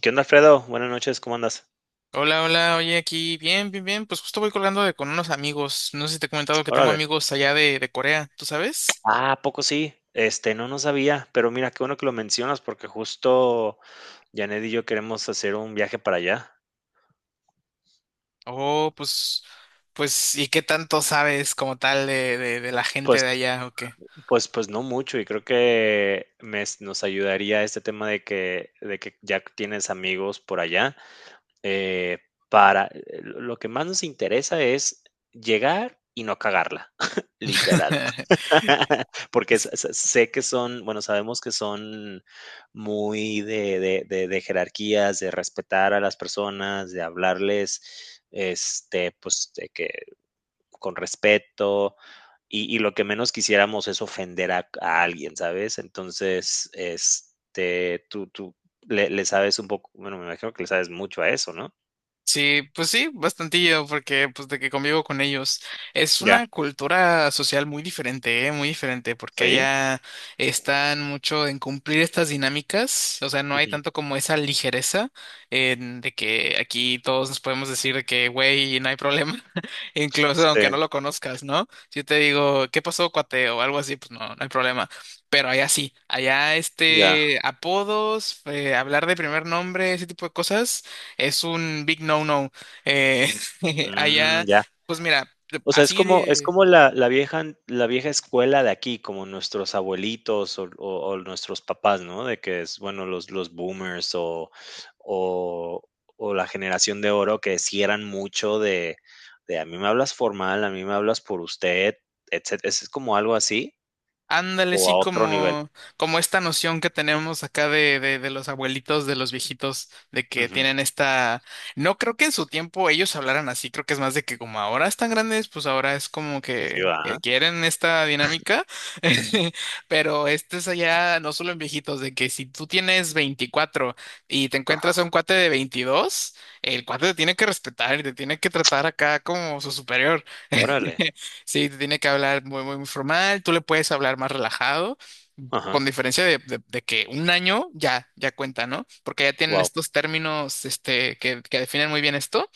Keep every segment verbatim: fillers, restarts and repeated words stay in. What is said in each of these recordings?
¿Qué onda, Alfredo? Buenas noches, ¿cómo andas? Hola, hola, oye, aquí, bien, bien, bien, pues justo voy colgando de con unos amigos, no sé si te he comentado que tengo Órale. amigos allá de, de Corea, ¿tú sabes? Ah, ¿a poco sí? Este, no, no sabía, pero mira, qué bueno que lo mencionas porque justo Janet y yo queremos hacer un viaje para allá. Oh, pues, pues, ¿y qué tanto sabes como tal de, de, de la gente Pues, de allá o qué? pues, pues no mucho y creo que me es- nos ayudaría este tema de que, de que ya tienes amigos por allá. eh, para, eh, lo lo que más nos interesa es llegar y no cagarla, literal. Porque s- s- sé que son, bueno, sabemos que son muy de, de- de- de jerarquías, de respetar a las personas, de hablarles, este, pues, de que con respeto. Y, y lo que menos quisiéramos es ofender a, a alguien, ¿sabes? Entonces, este, tú, tú le, le sabes un poco, bueno, me imagino que le sabes mucho a eso, ¿no? Sí, pues sí, bastantillo, porque pues de que convivo con ellos. Es Ya, una cultura social muy diferente, ¿eh? Muy diferente, porque sí. allá están mucho en cumplir estas dinámicas, o sea, no hay Ujú. tanto como esa ligereza en de que aquí todos nos podemos decir de que, güey, no hay problema, incluso Sí, aunque no lo conozcas, ¿no? Si yo te digo, ¿qué pasó, cuate? O algo así, pues no, no hay problema. Pero allá sí, allá ya. este apodos, eh, hablar de primer nombre, ese tipo de cosas es un big no-no. Eh, Mm, allá, ya. pues mira, O sea, es así como es de... como la la vieja la vieja escuela de aquí, como nuestros abuelitos o o o nuestros papás, ¿no? De que es, bueno, los los boomers o o o la generación de oro, que sí eran mucho de de: "A mí me hablas formal, a mí me hablas por usted", etcétera. ¿Es como algo así Ándale, o a sí, otro nivel? como, como esta noción que tenemos acá de, de, de los abuelitos, de los viejitos, de que Ujú. tienen esta... No creo que en su tiempo ellos hablaran así, creo que es más de que como ahora están grandes, pues ahora es como Sí, que, que ¿verdad? quieren esta dinámica, pero este es allá no solo en viejitos, de que si tú tienes veinticuatro y te encuentras a Ajá. un cuate de veintidós, el cuate te tiene que respetar y te tiene que tratar acá como su superior. Órale. Sí, te tiene que hablar muy, muy formal, tú le puedes hablar más relajado, Ajá. con diferencia de, de- de que un año ya, ya cuenta, ¿no? Porque ya tienen Guau. estos términos, este, que, que definen muy bien esto.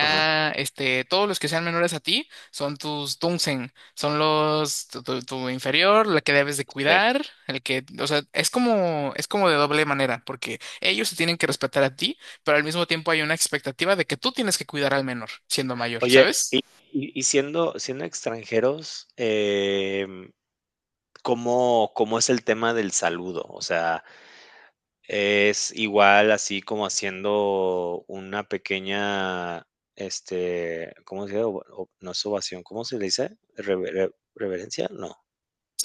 Ajá. este, todos los que sean menores a ti son tus dunsen, son los, tu, tu- tu inferior, la que debes de Sí. cuidar, el que, o sea, es como, es como de doble manera, porque ellos se tienen que respetar a ti, pero al mismo tiempo hay una expectativa de que tú tienes que cuidar al menor, siendo mayor, Oye, ¿sabes? y y siendo siendo extranjeros, em cómo, ¿cómo es el tema del saludo? O sea, ¿es igual así como haciendo una pequeña, este, cómo se dice? O- o- No es ovación, ¿cómo se le dice? Rever- re- ¿Reverencia? No,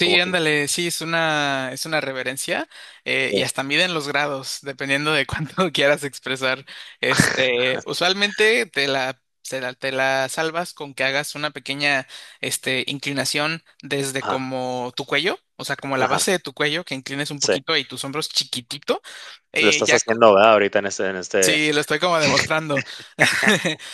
como que... ándale, sí, es una, es una reverencia eh, y hasta miden los grados, dependiendo de cuánto quieras expresar. Este, usualmente te la, se la- te la salvas con que hagas una pequeña este, inclinación desde Ajá, como tu cuello, o sea, como la ajá, base de tu cuello, que inclines un sí. poquito y tus hombros chiquitito. Lo Eh, estás ya, co- haciendo, ¿verdad? Ahorita en este, en este, sí, lo estoy como demostrando.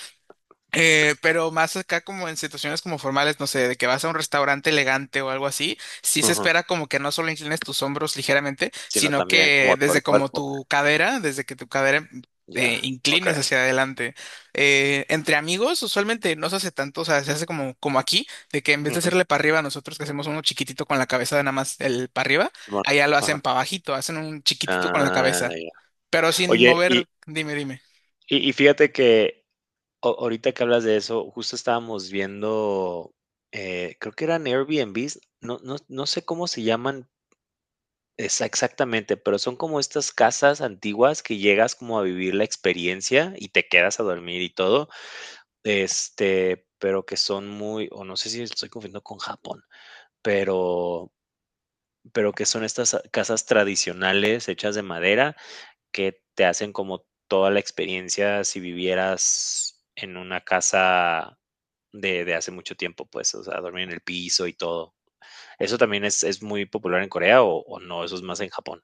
Eh, pero más acá como en situaciones como formales, no sé, de que vas a un restaurante elegante o algo así, sí se ujú, espera como que no solo inclines tus hombros ligeramente, sino sino también que como todo el desde como cuerpo. tu cadera, desde que tu cadera eh, Ya, ok. inclines hacia adelante. Eh, entre amigos usualmente no se hace tanto, o sea, se hace como, como aquí, de que en vez de Ujú, hacerle para arriba, nosotros que hacemos uno chiquitito con la cabeza de nada más el para arriba, simón, allá lo ajá. hacen para abajito, hacen un chiquitito con la Ah, cabeza, ya. pero sin Oye, y, mover, dime, dime. y, y fíjate que A- ahorita que hablas de eso, justo estábamos viendo, eh, creo que eran Airbnbs, no, no, no sé cómo se llaman exa- exactamente, pero son como estas casas antiguas, que llegas como a vivir la experiencia y te quedas a dormir y todo, este, pero que son muy, o no sé si estoy confundiendo con Japón, pero, pero que son estas ah, casas tradicionales hechas de madera, que te hacen como toda la experiencia si vivieras en una casa de, de hace mucho tiempo, pues, o sea, dormir en el piso y todo. ¿Eso también es, es muy popular en Corea o, o no? ¿Eso es más en Japón?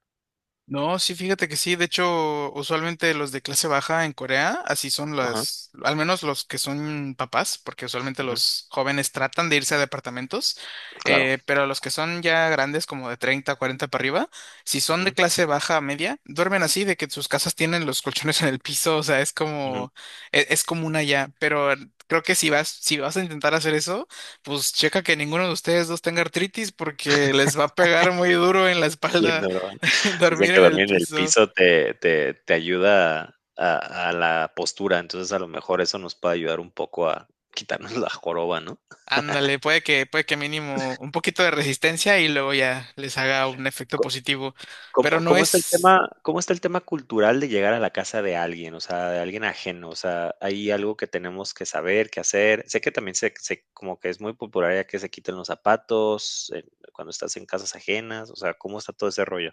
No, sí, fíjate que sí. De hecho, usualmente los de clase baja en Corea, así son Ajá, las, al menos los que son papás, porque usualmente ujú, los jóvenes tratan de irse a departamentos, claro. eh, pero los que son ya grandes, como de treinta, cuarenta para arriba, si son de Ujú, clase baja a media, duermen así, de que sus casas tienen los colchones en el piso, o sea, es ujú. como, e- es, común allá, pero... Creo que si vas, si vas a intentar hacer eso, pues checa que ninguno de ustedes dos tenga artritis porque les va a pegar muy duro en la Bien espalda. duro. Dicen Dormir que en el dormir en el piso. piso te, te, te ayuda a, a la postura, entonces a lo mejor eso nos puede ayudar un poco a quitarnos la joroba, ¿no? Ándale, puede que, puede que mínimo un poquito de resistencia y luego ya les haga un efecto positivo. Pero ¿Cómo no cómo está el es tema, cómo está el tema cultural, de llegar a la casa de alguien? O sea, de alguien ajeno, o sea, ¿hay algo que tenemos que saber, que hacer? Sé que también se se como que es muy popular ya, que se quiten los zapatos, eh, cuando estás en casas ajenas, o sea, ¿cómo está todo ese rollo?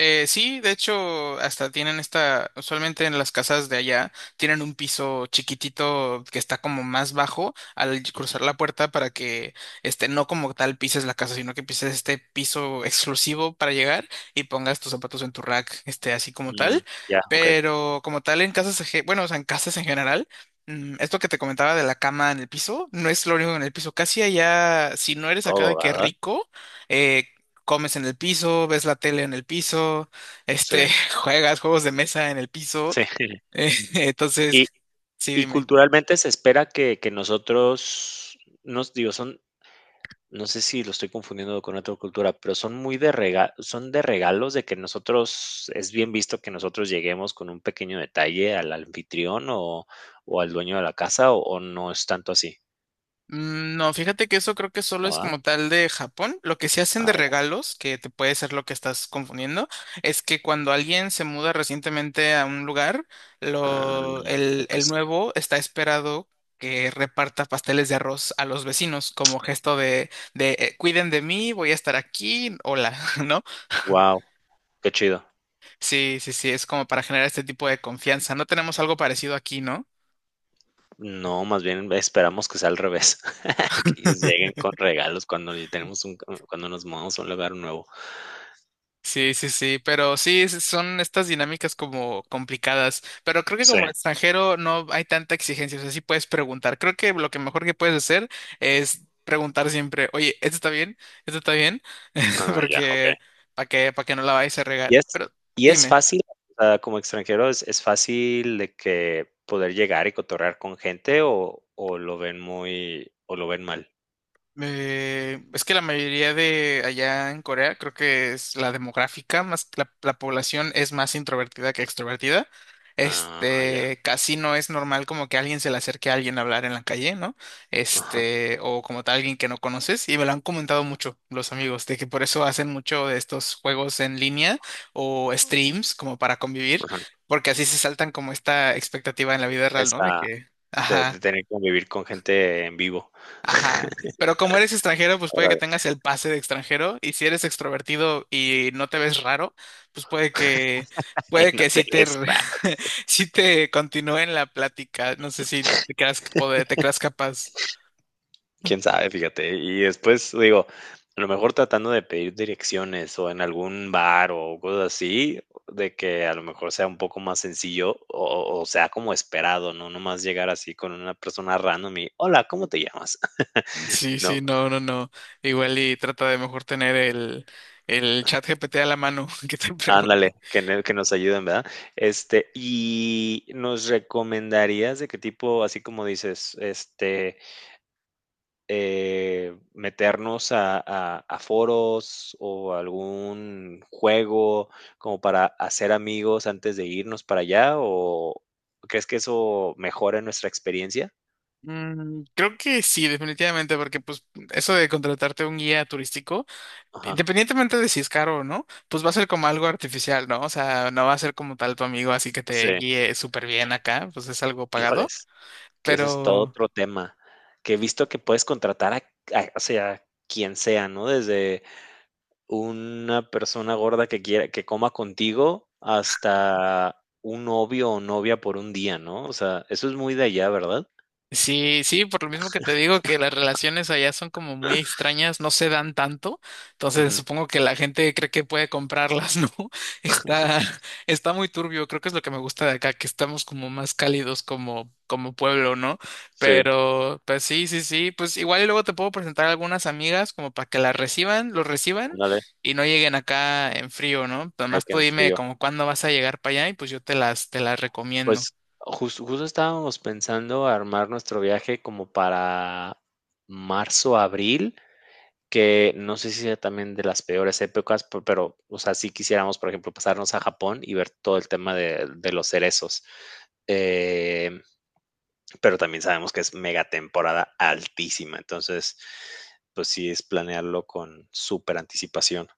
Eh, sí, de hecho, hasta tienen esta, usualmente en las casas de allá, tienen un piso chiquitito que está como más bajo al cruzar la puerta para que, este, no como tal pises la casa, sino que pises este piso exclusivo para llegar y pongas tus zapatos en tu rack, este, así como Mm, tal. ya, okey, Pero como tal en casas, eje- bueno, o sea, en casas en general. mm, Esto que te comentaba de la cama en el piso, no es lo único en el piso. Casi allá, si no eres acá de todo, que ¿verdad? rico, eh, comes en el piso, ves la tele en el piso, Sí, este, juegas juegos de mesa en el piso. sí. eh, Y entonces, sí, y dime. culturalmente se espera que que nosotros nos digo, son no sé si lo estoy confundiendo con otra cultura, pero son muy de rega son de regalos, de que nosotros, es bien visto que nosotros lleguemos con un pequeño detalle al anfitrión o o al dueño de la casa, ¿o o no es tanto así? Mm, No, fíjate que eso creo que solo ¿No, es verdad? como tal de Japón. Lo que se hacen de Ah, ya. regalos, que te puede ser lo que estás confundiendo, es que cuando alguien se muda recientemente a un lugar, Ah, lo, el, creo que el sí. nuevo está esperado que reparta pasteles de arroz a los vecinos como gesto de, de eh, cuiden de mí, voy a estar aquí, hola, ¿no? Guau, qué chido. Sí, sí, sí, es como para generar este tipo de confianza. No tenemos algo parecido aquí, ¿no? No, más bien esperamos que sea al revés, que ellos lleguen con regalos cuando ya tenemos un cuando nos mudamos a un lugar nuevo. Sí, sí, sí, pero sí, es- son estas dinámicas como complicadas, pero creo que Sí. como extranjero no hay tanta exigencia, o sea, sí puedes preguntar. Creo que lo que mejor que puedes hacer es preguntar siempre, oye, ¿esto está bien? ¿Esto está bien? Ah, ya, okey. Porque para que, para que no la vayas a Y regar. es Pero y es dime. fácil, o sea, como extranjero, ¿es es fácil de que poder llegar y cotorrear con gente o o lo ven muy o lo ven mal? Eh, es que la mayoría de allá en Corea, creo que es la demográfica, más la, la población es más introvertida que extrovertida. Ah, ya. Este, casi no es normal como que alguien se le acerque a alguien a hablar en la calle, ¿no? Ajá. Este, o como tal alguien que no conoces, y me lo han comentado mucho los amigos, de que por eso hacen mucho de estos juegos en línea o streams como para convivir, Ajá. porque así se saltan como esta expectativa en la vida real, ¿no? De Esa que, de de ajá. tener que convivir con gente en vivo. Ajá, pero como eres extranjero, pues puede que Órale, tengas el pase de extranjero y si eres extrovertido y no te ves raro, pues puede que puede en que sí te hoteles re- raros, dice. sí te continúe en la plática. No sé si te creas poder, te creas capaz. Quién sabe, fíjate. Y después, digo, a lo mejor tratando de pedir direcciones o en algún bar o cosas así, de que a lo mejor sea un poco más sencillo o, o sea como esperado, ¿no? No más llegar así con una persona random y, hola, ¿cómo te llamas? Sí, sí, ¿No? no, no, no. Igual y trata de mejor tener el el chat G P T a la mano. Que te pregunte. Ándale, que, ne- que nos ayuden, ¿verdad? Este, y ¿nos recomendarías de qué tipo, así como dices, este, eh, meternos a, a- a foros o algún juego, como para hacer amigos antes de irnos para allá? ¿O crees que eso mejora nuestra experiencia? Mm, creo que sí, definitivamente, porque pues eso de contratarte un guía turístico. Ajá. Independientemente de si es caro o no, pues va a ser como algo artificial, ¿no? O sea, no va a ser como tal tu amigo, así que te Sí. guíe súper bien acá, pues es algo pagado, Híjoles, que ese es todo pero otro tema. Que he visto que puedes contratar a, a- o sea, quien sea, ¿no? Desde una persona gorda que quiera, que coma contigo, hasta un novio o novia por un día, ¿no? O sea, eso es muy de allá, ¿verdad? sí, sí, por lo mismo que te digo que las relaciones allá son como muy extrañas, no se dan tanto, entonces supongo que la gente cree que puede comprarlas, ¿no? Está, está muy turbio, creo que es lo que me gusta de acá, que estamos como más cálidos como, como pueblo, ¿no? Sí, Pero, pues sí, sí, sí, pues igual y luego te puedo presentar a algunas amigas como para que las reciban, los reciban ándale, y no lleguen acá en frío, ¿no? hay Además que tú en dime frío. como cuándo vas a llegar para allá y pues yo te las, te las recomiendo. Pues, jus justo estábamos pensando armar nuestro viaje como para marzo, abril, que no sé si sea también de las peores épocas, pe pero, o sea, sí quisiéramos, por ejemplo, pasarnos a Japón y ver todo el tema de de los cerezos, em, pero también sabemos que es mega temporada altísima, entonces, pues sí, es planearlo con superanticipación.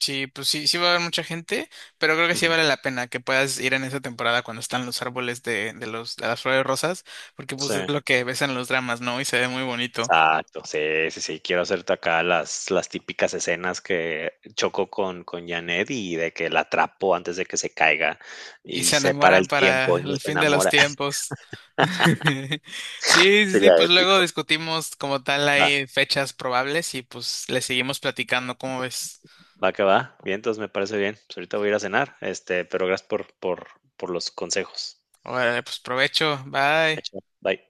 Sí, pues sí, sí va a haber mucha gente, pero creo que sí Ujú. vale la pena que puedas ir en esa temporada cuando están los árboles de, de los, de las flores rosas, porque pues Sí. es lo que ves en los dramas, ¿no? Y se ve muy bonito. Exacto, sí, sí, sí, quiero hacerte acá las, las típicas escenas, que choco con, con Janet y de que la atrapo antes de que se caiga Y y se se para enamoran el tiempo para y no el se fin de los enamora. tiempos. Sí, sí, sí, Sería pues luego épico. discutimos como tal Va, ahí fechas probables y pues le seguimos platicando, ¿cómo ves? va que va. Bien, entonces me parece bien. Pues ahorita voy a ir a cenar, este, pero gracias por, por, por los consejos. Órale, pues provecho, bye. Hecho, bye.